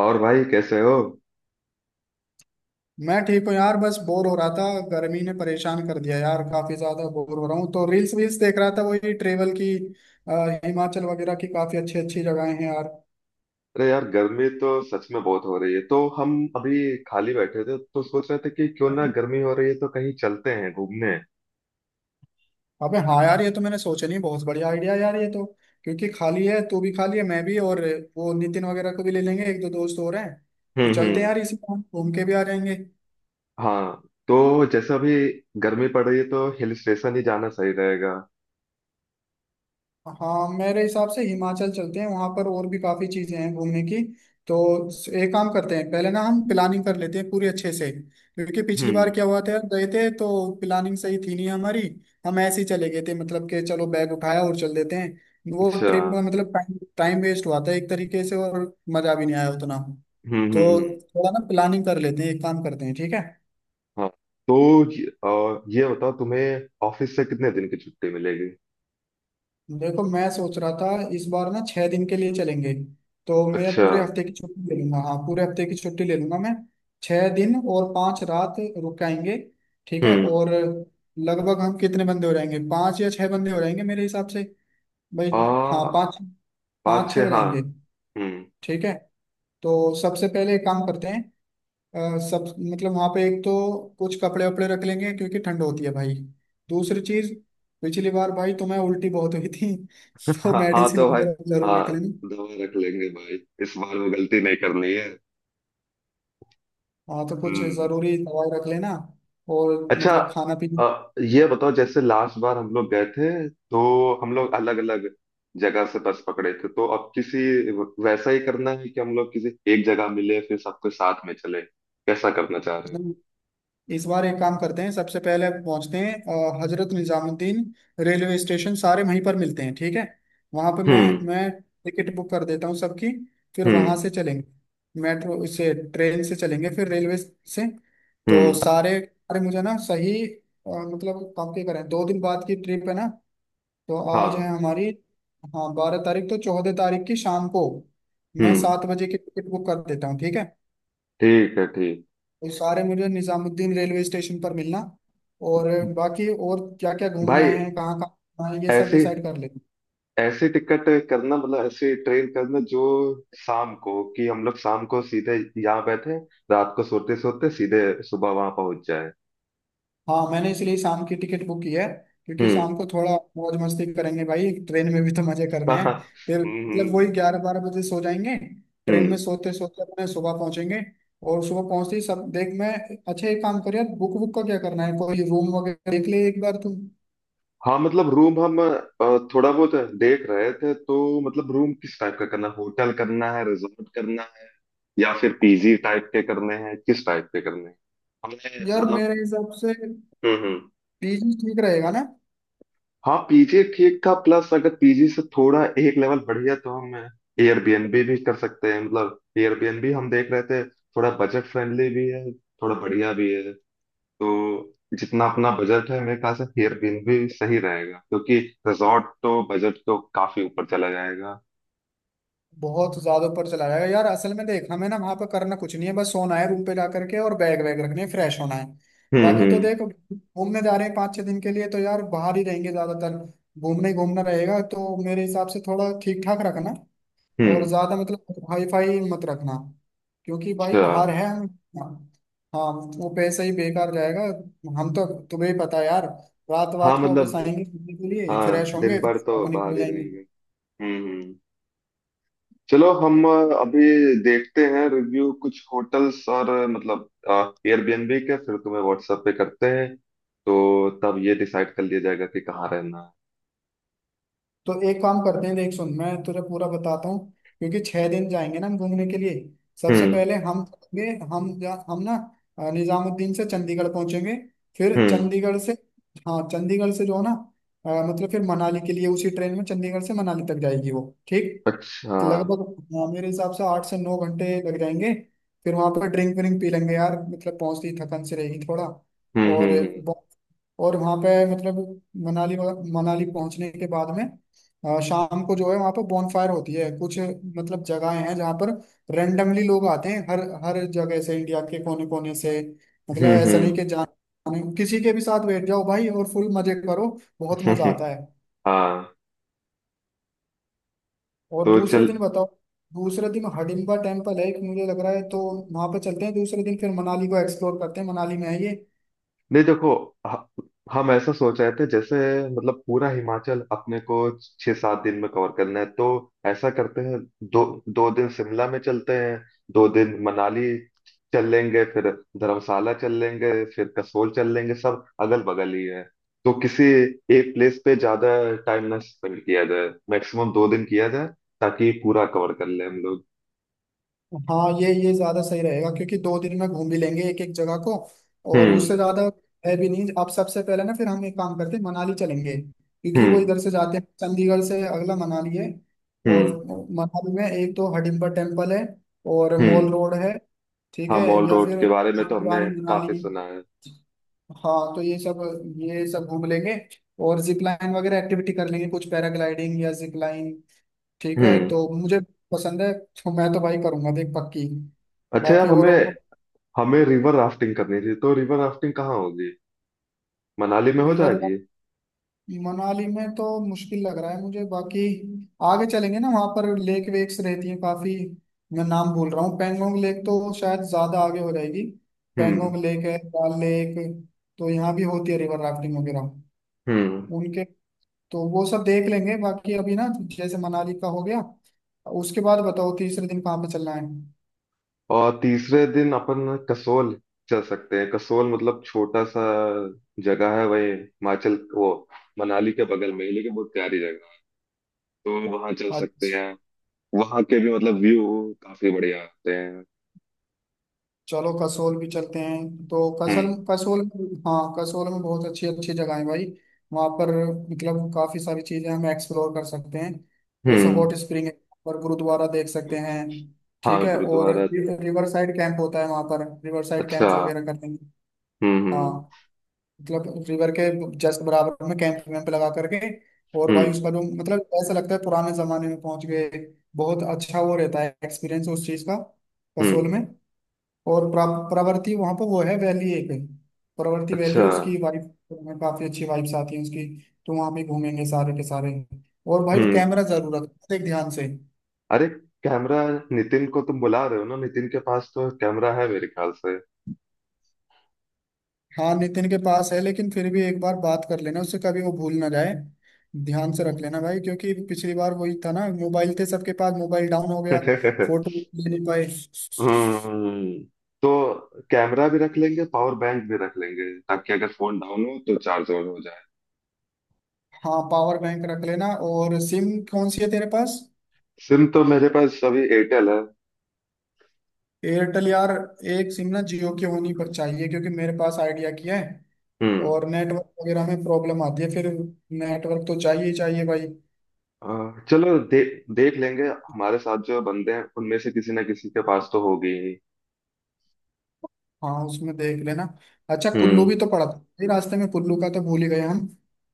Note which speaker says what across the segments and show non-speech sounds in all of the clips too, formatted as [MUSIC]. Speaker 1: और भाई कैसे हो?
Speaker 2: मैं ठीक हूँ यार। बस बोर हो रहा था। गर्मी ने परेशान कर दिया यार, काफी ज्यादा बोर हो रहा हूँ, तो रील्स वील्स देख रहा था, वही ट्रेवल की। हिमाचल वगैरह की काफी अच्छी अच्छी जगहें हैं यार।
Speaker 1: अरे यार गर्मी तो सच में बहुत हो रही है तो हम अभी खाली बैठे थे तो सोच रहे थे कि क्यों ना गर्मी हो रही है तो कहीं चलते हैं घूमने।
Speaker 2: अबे हाँ यार, ये तो मैंने सोचा नहीं। बहुत बढ़िया आइडिया यार ये तो। क्योंकि खाली है, तू भी खाली है, मैं भी। और वो नितिन वगैरह को भी ले लेंगे, एक दो दोस्त और हैं। तो
Speaker 1: हम्म,
Speaker 2: चलते हैं
Speaker 1: हम्म।
Speaker 2: यार, इसी बार घूम के भी आ जाएंगे।
Speaker 1: हाँ, तो जैसे अभी गर्मी पड़ रही है तो हिल स्टेशन ही जाना सही रहेगा।
Speaker 2: हाँ, मेरे हिसाब से हिमाचल चलते हैं, वहां पर और भी काफी चीजें हैं घूमने की। तो एक काम करते हैं, पहले ना हम प्लानिंग कर लेते हैं पूरी अच्छे से, क्योंकि पिछली बार
Speaker 1: हम्म।
Speaker 2: क्या हुआ था यार, गए थे तो प्लानिंग सही थी नहीं हमारी। हम ऐसे ही चले गए थे, मतलब कि चलो बैग उठाया और चल देते हैं, वो
Speaker 1: अच्छा।
Speaker 2: ट्रिप में मतलब टाइम टाइम वेस्ट हुआ था एक तरीके से, और मजा भी नहीं आया उतना।
Speaker 1: हम्म,
Speaker 2: तो
Speaker 1: हम्म, हम्म।
Speaker 2: थोड़ा ना प्लानिंग कर लेते हैं, एक काम करते हैं ठीक है।
Speaker 1: हाँ, तो ये ये बताओ तुम्हें ऑफिस से कितने दिन की छुट्टी मिलेगी?
Speaker 2: देखो मैं सोच रहा था, इस बार ना 6 दिन के लिए चलेंगे, तो मैं
Speaker 1: अच्छा।
Speaker 2: पूरे हफ्ते की छुट्टी ले लूंगा। हाँ पूरे हफ्ते की छुट्टी ले लूंगा मैं। छह दिन और 5 रात रुक के आएंगे, ठीक है।
Speaker 1: हम्म।
Speaker 2: और लगभग हम कितने बंदे हो जाएंगे? पांच या छह बंदे हो जाएंगे मेरे हिसाब से भाई। हाँ
Speaker 1: आ।
Speaker 2: पाँच।
Speaker 1: पाँच
Speaker 2: पाँच छः
Speaker 1: छः,
Speaker 2: हो
Speaker 1: हाँ।
Speaker 2: जाएंगे।
Speaker 1: हम्म।
Speaker 2: ठीक है। तो सबसे पहले एक काम करते हैं, अ, सब मतलब वहां पे एक तो कुछ कपड़े वपड़े रख लेंगे क्योंकि ठंड होती है भाई। दूसरी चीज, पिछली बार भाई तुम्हें उल्टी बहुत हुई थी [LAUGHS] तो
Speaker 1: हाँ हाँ,
Speaker 2: मेडिसिन
Speaker 1: तो भाई।
Speaker 2: वगैरह जरूर
Speaker 1: हाँ,
Speaker 2: रख लेनी।
Speaker 1: दवा रख लेंगे भाई। इस बार वो गलती नहीं करनी है।
Speaker 2: हाँ तो कुछ
Speaker 1: हम्म।
Speaker 2: जरूरी दवाई रख लेना। और
Speaker 1: अच्छा।
Speaker 2: मतलब खाना पीना।
Speaker 1: ये बताओ जैसे लास्ट बार हम लोग गए थे तो हम लोग अलग अलग जगह से बस पकड़े थे, तो अब किसी वैसा ही करना है कि हम लोग किसी एक जगह मिले फिर सबके साथ में चले, कैसा करना चाह रहे हो?
Speaker 2: मतलब इस बार एक काम करते हैं, सबसे पहले पहुंचते हैं हजरत निजामुद्दीन रेलवे स्टेशन, सारे वहीं पर मिलते हैं ठीक है। वहां पे मैं
Speaker 1: हम्म,
Speaker 2: मैं टिकट बुक कर देता हूँ सबकी। फिर वहां
Speaker 1: हम्म,
Speaker 2: से चलेंगे, मेट्रो से ट्रेन से चलेंगे फिर रेलवे से। तो
Speaker 1: हम्म।
Speaker 2: सारे, अरे मुझे ना सही मतलब काफी करें, दो दिन बाद की ट्रिप है ना। तो आज है
Speaker 1: हाँ।
Speaker 2: हमारी हाँ 12 तारीख, तो 14 तारीख की शाम को मैं
Speaker 1: हम्म।
Speaker 2: 7 बजे की टिकट बुक कर देता हूँ ठीक है।
Speaker 1: ठीक है, ठीक।
Speaker 2: ये सारे मुझे निजामुद्दीन रेलवे स्टेशन पर मिलना। और बाकी और क्या क्या घूमना
Speaker 1: भाई
Speaker 2: है, कहाँ कहाँ घूमना है ये सब
Speaker 1: ऐसे,
Speaker 2: डिसाइड कर लेंगे।
Speaker 1: ऐसी टिकट करना, मतलब ऐसी ट्रेन करना जो शाम को, कि हम लोग शाम को सीधे यहाँ बैठे, रात को सोते सोते सीधे सुबह वहां पहुंच जाए।
Speaker 2: हाँ, मैंने इसलिए शाम की टिकट बुक की है, क्योंकि
Speaker 1: हम्म।
Speaker 2: शाम को थोड़ा मौज मस्ती करेंगे भाई, ट्रेन में भी तो मजे
Speaker 1: हाँ
Speaker 2: करने
Speaker 1: हाँ।
Speaker 2: हैं। फिर
Speaker 1: हम्म,
Speaker 2: मतलब वही
Speaker 1: हम्म,
Speaker 2: 11–12 बजे सो जाएंगे। ट्रेन
Speaker 1: हम्म।
Speaker 2: में सोते सोते अपने सुबह पहुंचेंगे। और सुबह पहुंचते ही सब देख मैं, अच्छा एक काम कर यार, बुक बुक का क्या करना है, कोई रूम वगैरह देख ले एक बार तुम।
Speaker 1: हाँ, मतलब रूम हम थोड़ा बहुत देख रहे थे, तो मतलब रूम किस टाइप का करना, होटल करना है, रिजॉर्ट करना है, या फिर पीजी टाइप के करने हैं, किस टाइप के करने हैं? हमने
Speaker 2: यार
Speaker 1: मतलब।
Speaker 2: मेरे हिसाब से
Speaker 1: हम्म।
Speaker 2: पीजी ठीक रहेगा ना।
Speaker 1: हाँ, पीजी ठीक था, प्लस अगर पीजी से थोड़ा एक लेवल बढ़िया तो हम एयरबीएनबी भी कर सकते हैं, मतलब एयरबीएनबी हम देख रहे थे, थोड़ा बजट फ्रेंडली भी है, थोड़ा बढ़िया भी है। तो जितना अपना बजट है मेरे ख्याल से एयरबीएनबी सही रहेगा, क्योंकि रिजॉर्ट तो बजट तो काफी ऊपर चला जाएगा।
Speaker 2: बहुत ज्यादा ऊपर चला जाएगा यार। असल में देख, हमें ना वहां पर करना कुछ नहीं है, बस सोना है रूम पे जा करके, और बैग वैग रखने फ्रेश होना है।
Speaker 1: हम्म,
Speaker 2: बाकी तो
Speaker 1: हम्म,
Speaker 2: देख घूमने जा रहे हैं पाँच छह दिन के लिए, तो यार बाहर ही रहेंगे ज्यादातर। घूमने ही घूमना रहेगा, तो मेरे हिसाब से थोड़ा ठीक ठाक रखना।
Speaker 1: हम्म।
Speaker 2: और ज्यादा मतलब हाई फाई मत रखना, क्योंकि भाई
Speaker 1: अच्छा।
Speaker 2: बाहर है हम। हाँ, वो पैसा ही बेकार जाएगा। हम तो, तुम्हें ही पता है यार। रात
Speaker 1: हाँ
Speaker 2: रात को बस
Speaker 1: मतलब।
Speaker 2: आएंगे घूमने के लिए,
Speaker 1: हाँ,
Speaker 2: फ्रेश होंगे,
Speaker 1: दिन
Speaker 2: फिर
Speaker 1: भर तो
Speaker 2: आपको निकल
Speaker 1: बाहर ही
Speaker 2: जाएंगे।
Speaker 1: रहेंगे। हम्म, हम्म। चलो, हम अभी देखते हैं रिव्यू कुछ होटल्स और मतलब एयरबीएनबी के, फिर तुम्हें व्हाट्सएप पे करते हैं, तो तब ये डिसाइड कर लिया जाएगा कि कहाँ रहना है।
Speaker 2: तो एक काम करते हैं, देख सुन मैं तुझे पूरा बताता हूँ। क्योंकि 6 दिन जाएंगे ना हम घूमने के लिए। सबसे
Speaker 1: हम्म,
Speaker 2: पहले हम चलेंगे, हम ना निजामुद्दीन से चंडीगढ़ पहुंचेंगे। फिर
Speaker 1: हम्म।
Speaker 2: चंडीगढ़ से, हाँ चंडीगढ़ से जो है ना मतलब, फिर मनाली के लिए उसी ट्रेन में चंडीगढ़ से मनाली तक जाएगी वो, ठीक।
Speaker 1: अच्छा।
Speaker 2: लगभग हाँ, मेरे हिसाब से 8 से 9 घंटे लग जाएंगे। फिर वहां पर ड्रिंक विंक पी लेंगे यार, मतलब पहुंचती थकन से रहेगी थोड़ा।
Speaker 1: हम्म,
Speaker 2: और
Speaker 1: हम्म,
Speaker 2: और वहाँ पे मतलब मनाली, मनाली पहुंचने के बाद में शाम को जो है वहाँ पे बॉनफायर होती है कुछ। मतलब जगहें हैं जहाँ पर रेंडमली लोग आते हैं हर हर जगह से, इंडिया के कोने कोने से। मतलब
Speaker 1: हम्म,
Speaker 2: ऐसा नहीं कि
Speaker 1: हम्म,
Speaker 2: जान, किसी के भी साथ बैठ जाओ भाई और फुल मजे करो, बहुत मजा
Speaker 1: हम्म।
Speaker 2: आता है।
Speaker 1: हाँ,
Speaker 2: और
Speaker 1: तो
Speaker 2: दूसरे
Speaker 1: चल।
Speaker 2: दिन बताओ। दूसरे दिन हडिम्बा टेम्पल है एक मुझे लग रहा है, तो वहां पे चलते हैं दूसरे दिन। फिर मनाली को एक्सप्लोर करते हैं, मनाली में है ये।
Speaker 1: नहीं, देखो ह- हम ऐसा सोच रहे थे, जैसे मतलब पूरा हिमाचल अपने को 6 7 दिन में कवर करना है, तो ऐसा करते हैं, 2 2 दिन शिमला में चलते हैं, 2 दिन मनाली चल लेंगे, फिर धर्मशाला चल लेंगे, फिर कसोल चल लेंगे, सब अगल बगल ही है। तो किसी एक प्लेस पे ज्यादा टाइम ना स्पेंड किया जाए, मैक्सिमम 2 दिन किया जाए, ताकि पूरा कवर कर ले हम लोग।
Speaker 2: हाँ ये ज्यादा सही रहेगा, क्योंकि दो दिन में घूम भी लेंगे एक एक जगह को, और उससे
Speaker 1: हम्म,
Speaker 2: ज्यादा है भी नहीं। आप सबसे पहले ना, फिर हम एक काम करते हैं, मनाली चलेंगे, क्योंकि वो
Speaker 1: हम्म,
Speaker 2: इधर से जाते हैं चंडीगढ़ से अगला मनाली है। और
Speaker 1: हम्म,
Speaker 2: मनाली में एक तो हडिम्बा टेम्पल है, और मॉल
Speaker 1: हम्म।
Speaker 2: रोड है, ठीक
Speaker 1: हाँ,
Speaker 2: है,
Speaker 1: मॉल
Speaker 2: या
Speaker 1: रोड
Speaker 2: फिर
Speaker 1: के बारे में तो हमने
Speaker 2: पुरानी
Speaker 1: काफी
Speaker 2: मनाली।
Speaker 1: सुना है।
Speaker 2: हाँ तो ये सब, ये सब घूम लेंगे। और जिप लाइन वगैरह एक्टिविटी कर लेंगे, कुछ पैराग्लाइडिंग या जिप। ठीक है,
Speaker 1: हम्म।
Speaker 2: तो मुझे पसंद है तो मैं तो भाई करूंगा देख पक्की।
Speaker 1: अच्छा यार,
Speaker 2: बाकी औरों
Speaker 1: हमें।
Speaker 2: को,
Speaker 1: हमें रिवर राफ्टिंग करनी थी, तो रिवर राफ्टिंग कहाँ होगी? मनाली में हो
Speaker 2: रिवर,
Speaker 1: जाएगी?
Speaker 2: मनाली में तो मुश्किल लग रहा है मुझे। बाकी आगे चलेंगे ना, वहां पर लेक वेक्स रहती हैं काफी। मैं नाम भूल रहा हूँ, पेंगोंग लेक तो शायद ज्यादा आगे हो जाएगी।
Speaker 1: हम्म,
Speaker 2: पेंगोंग लेक है, दाल लेक, तो यहाँ भी होती है रिवर राफ्टिंग वगैरह
Speaker 1: हम्म।
Speaker 2: उनके। तो वो सब देख लेंगे। बाकी अभी ना, जैसे मनाली का हो गया, उसके बाद बताओ तीसरे दिन कहाँ पे चलना है।
Speaker 1: और तीसरे दिन अपन कसोल चल सकते हैं, कसोल मतलब छोटा सा जगह है, वही हिमाचल, वो मनाली के बगल में ही लेकिन बहुत प्यारी जगह है, तो वहां चल सकते
Speaker 2: अच्छा,
Speaker 1: हैं। वहां के भी मतलब व्यू काफी बढ़िया आते हैं।
Speaker 2: चलो कसोल भी चलते हैं। तो कसल
Speaker 1: हम्म,
Speaker 2: कसोल, हाँ कसोल में बहुत अच्छी अच्छी जगह है भाई। वहाँ पर मतलब काफी सारी चीजें हम एक्सप्लोर कर सकते हैं, जैसे
Speaker 1: हम्म।
Speaker 2: हॉट स्प्रिंग है, और गुरुद्वारा देख सकते हैं
Speaker 1: हाँ,
Speaker 2: ठीक है। और
Speaker 1: गुरुद्वारा।
Speaker 2: रिवर साइड कैंप होता है वहाँ पर, रिवर साइड
Speaker 1: अच्छा।
Speaker 2: कैंप वगैरह करते हैं।
Speaker 1: हम्म, हम्म,
Speaker 2: हाँ, मतलब रिवर के जस्ट बराबर में कैंप वैम्प लगा करके, और भाई
Speaker 1: हम्म,
Speaker 2: उसका जो मतलब ऐसा लगता है पुराने जमाने में पहुंच गए। बहुत अच्छा वो रहता है एक्सपीरियंस उस चीज का कसोल
Speaker 1: हम्म।
Speaker 2: में। और प्रवृत्ति, वहां पर वो है वैली एक, प्रवृत्ति
Speaker 1: अच्छा।
Speaker 2: वैली उसकी वाइफ, काफी अच्छी वाइब्स आती है उसकी। तो वहां पे घूमेंगे सारे के सारे। और भाई
Speaker 1: हम्म।
Speaker 2: कैमरा जरूर रखना, देख ध्यान से।
Speaker 1: अरे कैमरा, नितिन को तुम बुला रहे हो ना, नितिन के पास तो कैमरा है मेरे ख्याल से।
Speaker 2: हाँ नितिन के पास है, लेकिन फिर भी एक बार बात कर लेना उससे, कभी वो भूल ना जाए। ध्यान से रख लेना भाई, क्योंकि पिछली बार वही था ना, मोबाइल थे सबके पास, मोबाइल डाउन हो गया,
Speaker 1: [LAUGHS]
Speaker 2: फोटो ले नहीं पाए।
Speaker 1: हम्म। तो कैमरा भी रख लेंगे, पावर बैंक भी रख लेंगे, ताकि अगर फोन डाउन हो तो चार्ज और हो जाए।
Speaker 2: हाँ पावर बैंक रख लेना। और सिम कौन सी है तेरे पास?
Speaker 1: सिम तो मेरे पास अभी एयरटेल है।
Speaker 2: एयरटेल यार, एक सिम ना जियो की होनी पर चाहिए, क्योंकि मेरे पास आइडिया की है।
Speaker 1: हम्म।
Speaker 2: और नेटवर्क वगैरह में प्रॉब्लम आती है फिर। नेटवर्क तो चाहिए ही चाहिए भाई।
Speaker 1: चलो देख लेंगे। हमारे साथ जो बंदे हैं उनमें से किसी ना किसी के पास तो होगी ही।
Speaker 2: हाँ उसमें देख लेना। अच्छा कुल्लू भी
Speaker 1: हम्म।
Speaker 2: तो पड़ा था ये रास्ते में, कुल्लू का तो भूल ही गए हम।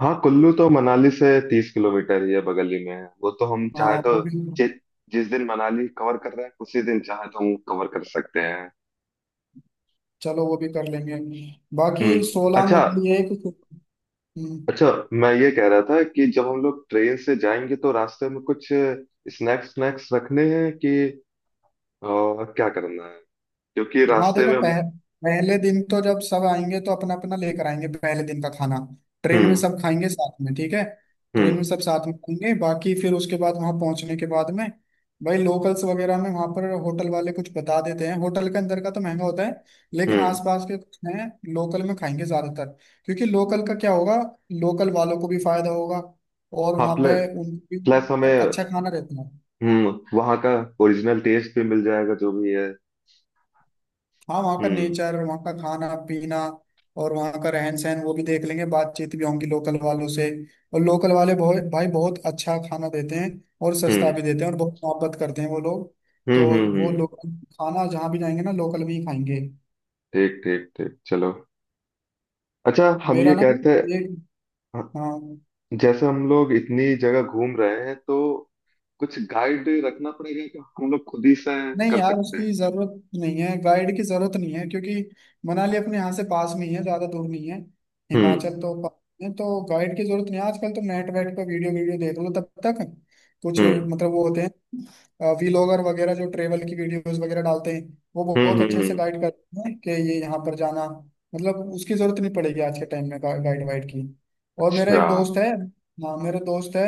Speaker 1: हाँ, कुल्लू तो मनाली से 30 किलोमीटर ही है, बगल ही में है वो, तो हम चाहे
Speaker 2: हाँ
Speaker 1: तो
Speaker 2: वो भी,
Speaker 1: जि, जिस दिन मनाली कवर कर रहे हैं उसी दिन चाहे तो हम कवर कर सकते हैं।
Speaker 2: चलो वो भी कर लेंगे। बाकी
Speaker 1: हम्म।
Speaker 2: सोलांग
Speaker 1: अच्छा।
Speaker 2: वगैरह एक, हम्म।
Speaker 1: अच्छा, मैं ये कह रहा था कि जब हम लोग ट्रेन से जाएंगे तो रास्ते में कुछ स्नैक्स स्नैक्स रखने हैं, कि अ, क्या करना है, क्योंकि
Speaker 2: हाँ
Speaker 1: रास्ते
Speaker 2: देखो
Speaker 1: में हम-
Speaker 2: पहले दिन तो जब सब आएंगे तो अपना अपना लेकर आएंगे, पहले दिन का खाना ट्रेन में
Speaker 1: हम्म,
Speaker 2: सब खाएंगे साथ में ठीक है। ट्रेन में
Speaker 1: हम्म,
Speaker 2: सब साथ में खाएंगे, बाकी फिर उसके बाद वहां पहुंचने के बाद में भाई, लोकल्स वगैरह में वहां पर होटल वाले कुछ बता देते हैं। होटल के अंदर का तो महंगा होता है, लेकिन
Speaker 1: हम्म।
Speaker 2: आसपास के कुछ हैं, लोकल में खाएंगे ज्यादातर। क्योंकि लोकल का क्या होगा, लोकल वालों को भी फायदा होगा, और
Speaker 1: हाँ,
Speaker 2: वहां पे
Speaker 1: प्लस।
Speaker 2: उनको
Speaker 1: प्लस
Speaker 2: भी
Speaker 1: हमें।
Speaker 2: अच्छा खाना रहता है।
Speaker 1: हम्म। वहाँ का ओरिजिनल टेस्ट भी मिल जाएगा, जो भी है।
Speaker 2: हाँ वहाँ का
Speaker 1: हम्म,
Speaker 2: नेचर, वहाँ का खाना पीना, और वहाँ का रहन सहन वो भी देख लेंगे। बातचीत भी होंगी लोकल वालों से, और लोकल वाले बहुत भाई बहुत अच्छा खाना देते हैं, और सस्ता
Speaker 1: हम्म,
Speaker 2: भी देते हैं, और बहुत मोहब्बत करते हैं वो लोग।
Speaker 1: हम्म,
Speaker 2: तो
Speaker 1: हम्म,
Speaker 2: वो
Speaker 1: हम्म।
Speaker 2: लोग खाना, जहाँ भी जाएंगे ना लोकल भी खाएंगे।
Speaker 1: ठीक ठीक ठीक, चलो। अच्छा, हम
Speaker 2: मेरा
Speaker 1: ये
Speaker 2: ना
Speaker 1: कहते हैं,
Speaker 2: एक, हाँ,
Speaker 1: जैसे हम लोग इतनी जगह घूम रहे हैं तो कुछ गाइड रखना पड़ेगा, कि हम लोग खुद ही से
Speaker 2: नहीं
Speaker 1: कर
Speaker 2: यार,
Speaker 1: सकते हैं?
Speaker 2: उसकी जरूरत नहीं है, गाइड की जरूरत नहीं है, क्योंकि मनाली अपने यहाँ से पास में ही है, ज्यादा दूर नहीं है।
Speaker 1: हम्म,
Speaker 2: हिमाचल तो पास में है, तो गाइड की जरूरत नहीं है। आजकल तो नेट वेट पर वीडियो वीडियो देख लो तब तक। कुछ
Speaker 1: हम्म,
Speaker 2: मतलब वो होते हैं व्लॉगर वगैरह जो ट्रेवल की वीडियोस वगैरह डालते हैं, वो
Speaker 1: हम्म,
Speaker 2: बहुत
Speaker 1: हम्म,
Speaker 2: अच्छे से गाइड करते हैं कि ये यहाँ पर जाना। मतलब उसकी जरूरत नहीं पड़ेगी आज के टाइम में, गाइड वाइड की। और मेरा
Speaker 1: अच्छा।
Speaker 2: एक दोस्त है, हाँ मेरा दोस्त है,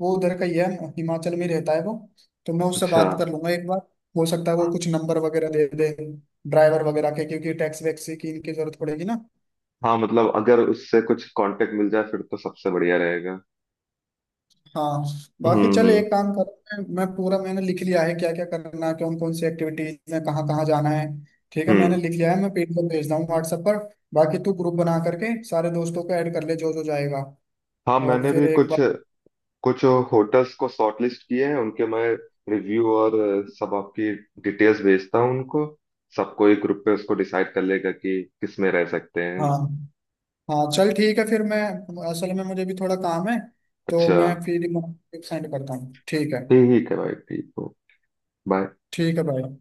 Speaker 2: वो उधर का ही है, हिमाचल में ही रहता है वो। तो मैं उससे
Speaker 1: अच्छा।
Speaker 2: बात कर लूंगा एक बार। हो सकता है वो कुछ नंबर वगैरह दे दे, ड्राइवर वगैरह के, क्योंकि टैक्स वैक्स की इनकी जरूरत पड़ेगी ना।
Speaker 1: हाँ, मतलब अगर उससे कुछ कांटेक्ट मिल जाए फिर तो सबसे बढ़िया रहेगा।
Speaker 2: हाँ। बाकी
Speaker 1: हम्म,
Speaker 2: चल एक
Speaker 1: हम्म,
Speaker 2: काम कर, मैं पूरा मैंने लिख लिया है क्या क्या करना है, कौन कौन सी एक्टिविटीज में कहाँ कहाँ जाना है, ठीक है। मैंने
Speaker 1: हम्म।
Speaker 2: लिख लिया है, मैं पेज पर भेजता हूँ व्हाट्सएप पर। बाकी तू ग्रुप बना करके सारे दोस्तों को ऐड कर ले, जो जो जाएगा।
Speaker 1: हाँ,
Speaker 2: और
Speaker 1: मैंने भी
Speaker 2: फिर एक
Speaker 1: कुछ
Speaker 2: बार,
Speaker 1: कुछ होटल्स को शॉर्टलिस्ट किए हैं, उनके मैं रिव्यू और सब आपकी डिटेल्स भेजता हूँ उनको, सबको एक ग्रुप पे, उसको डिसाइड कर लेगा कि किस में रह सकते हैं।
Speaker 2: हाँ, हाँ चल ठीक है, फिर मैं, असल में मुझे भी थोड़ा काम है, तो
Speaker 1: अच्छा।
Speaker 2: मैं फिर सेंड करता हूँ ठीक है।
Speaker 1: ठीक है भाई, ठीक हो, बाय।
Speaker 2: ठीक है भाई।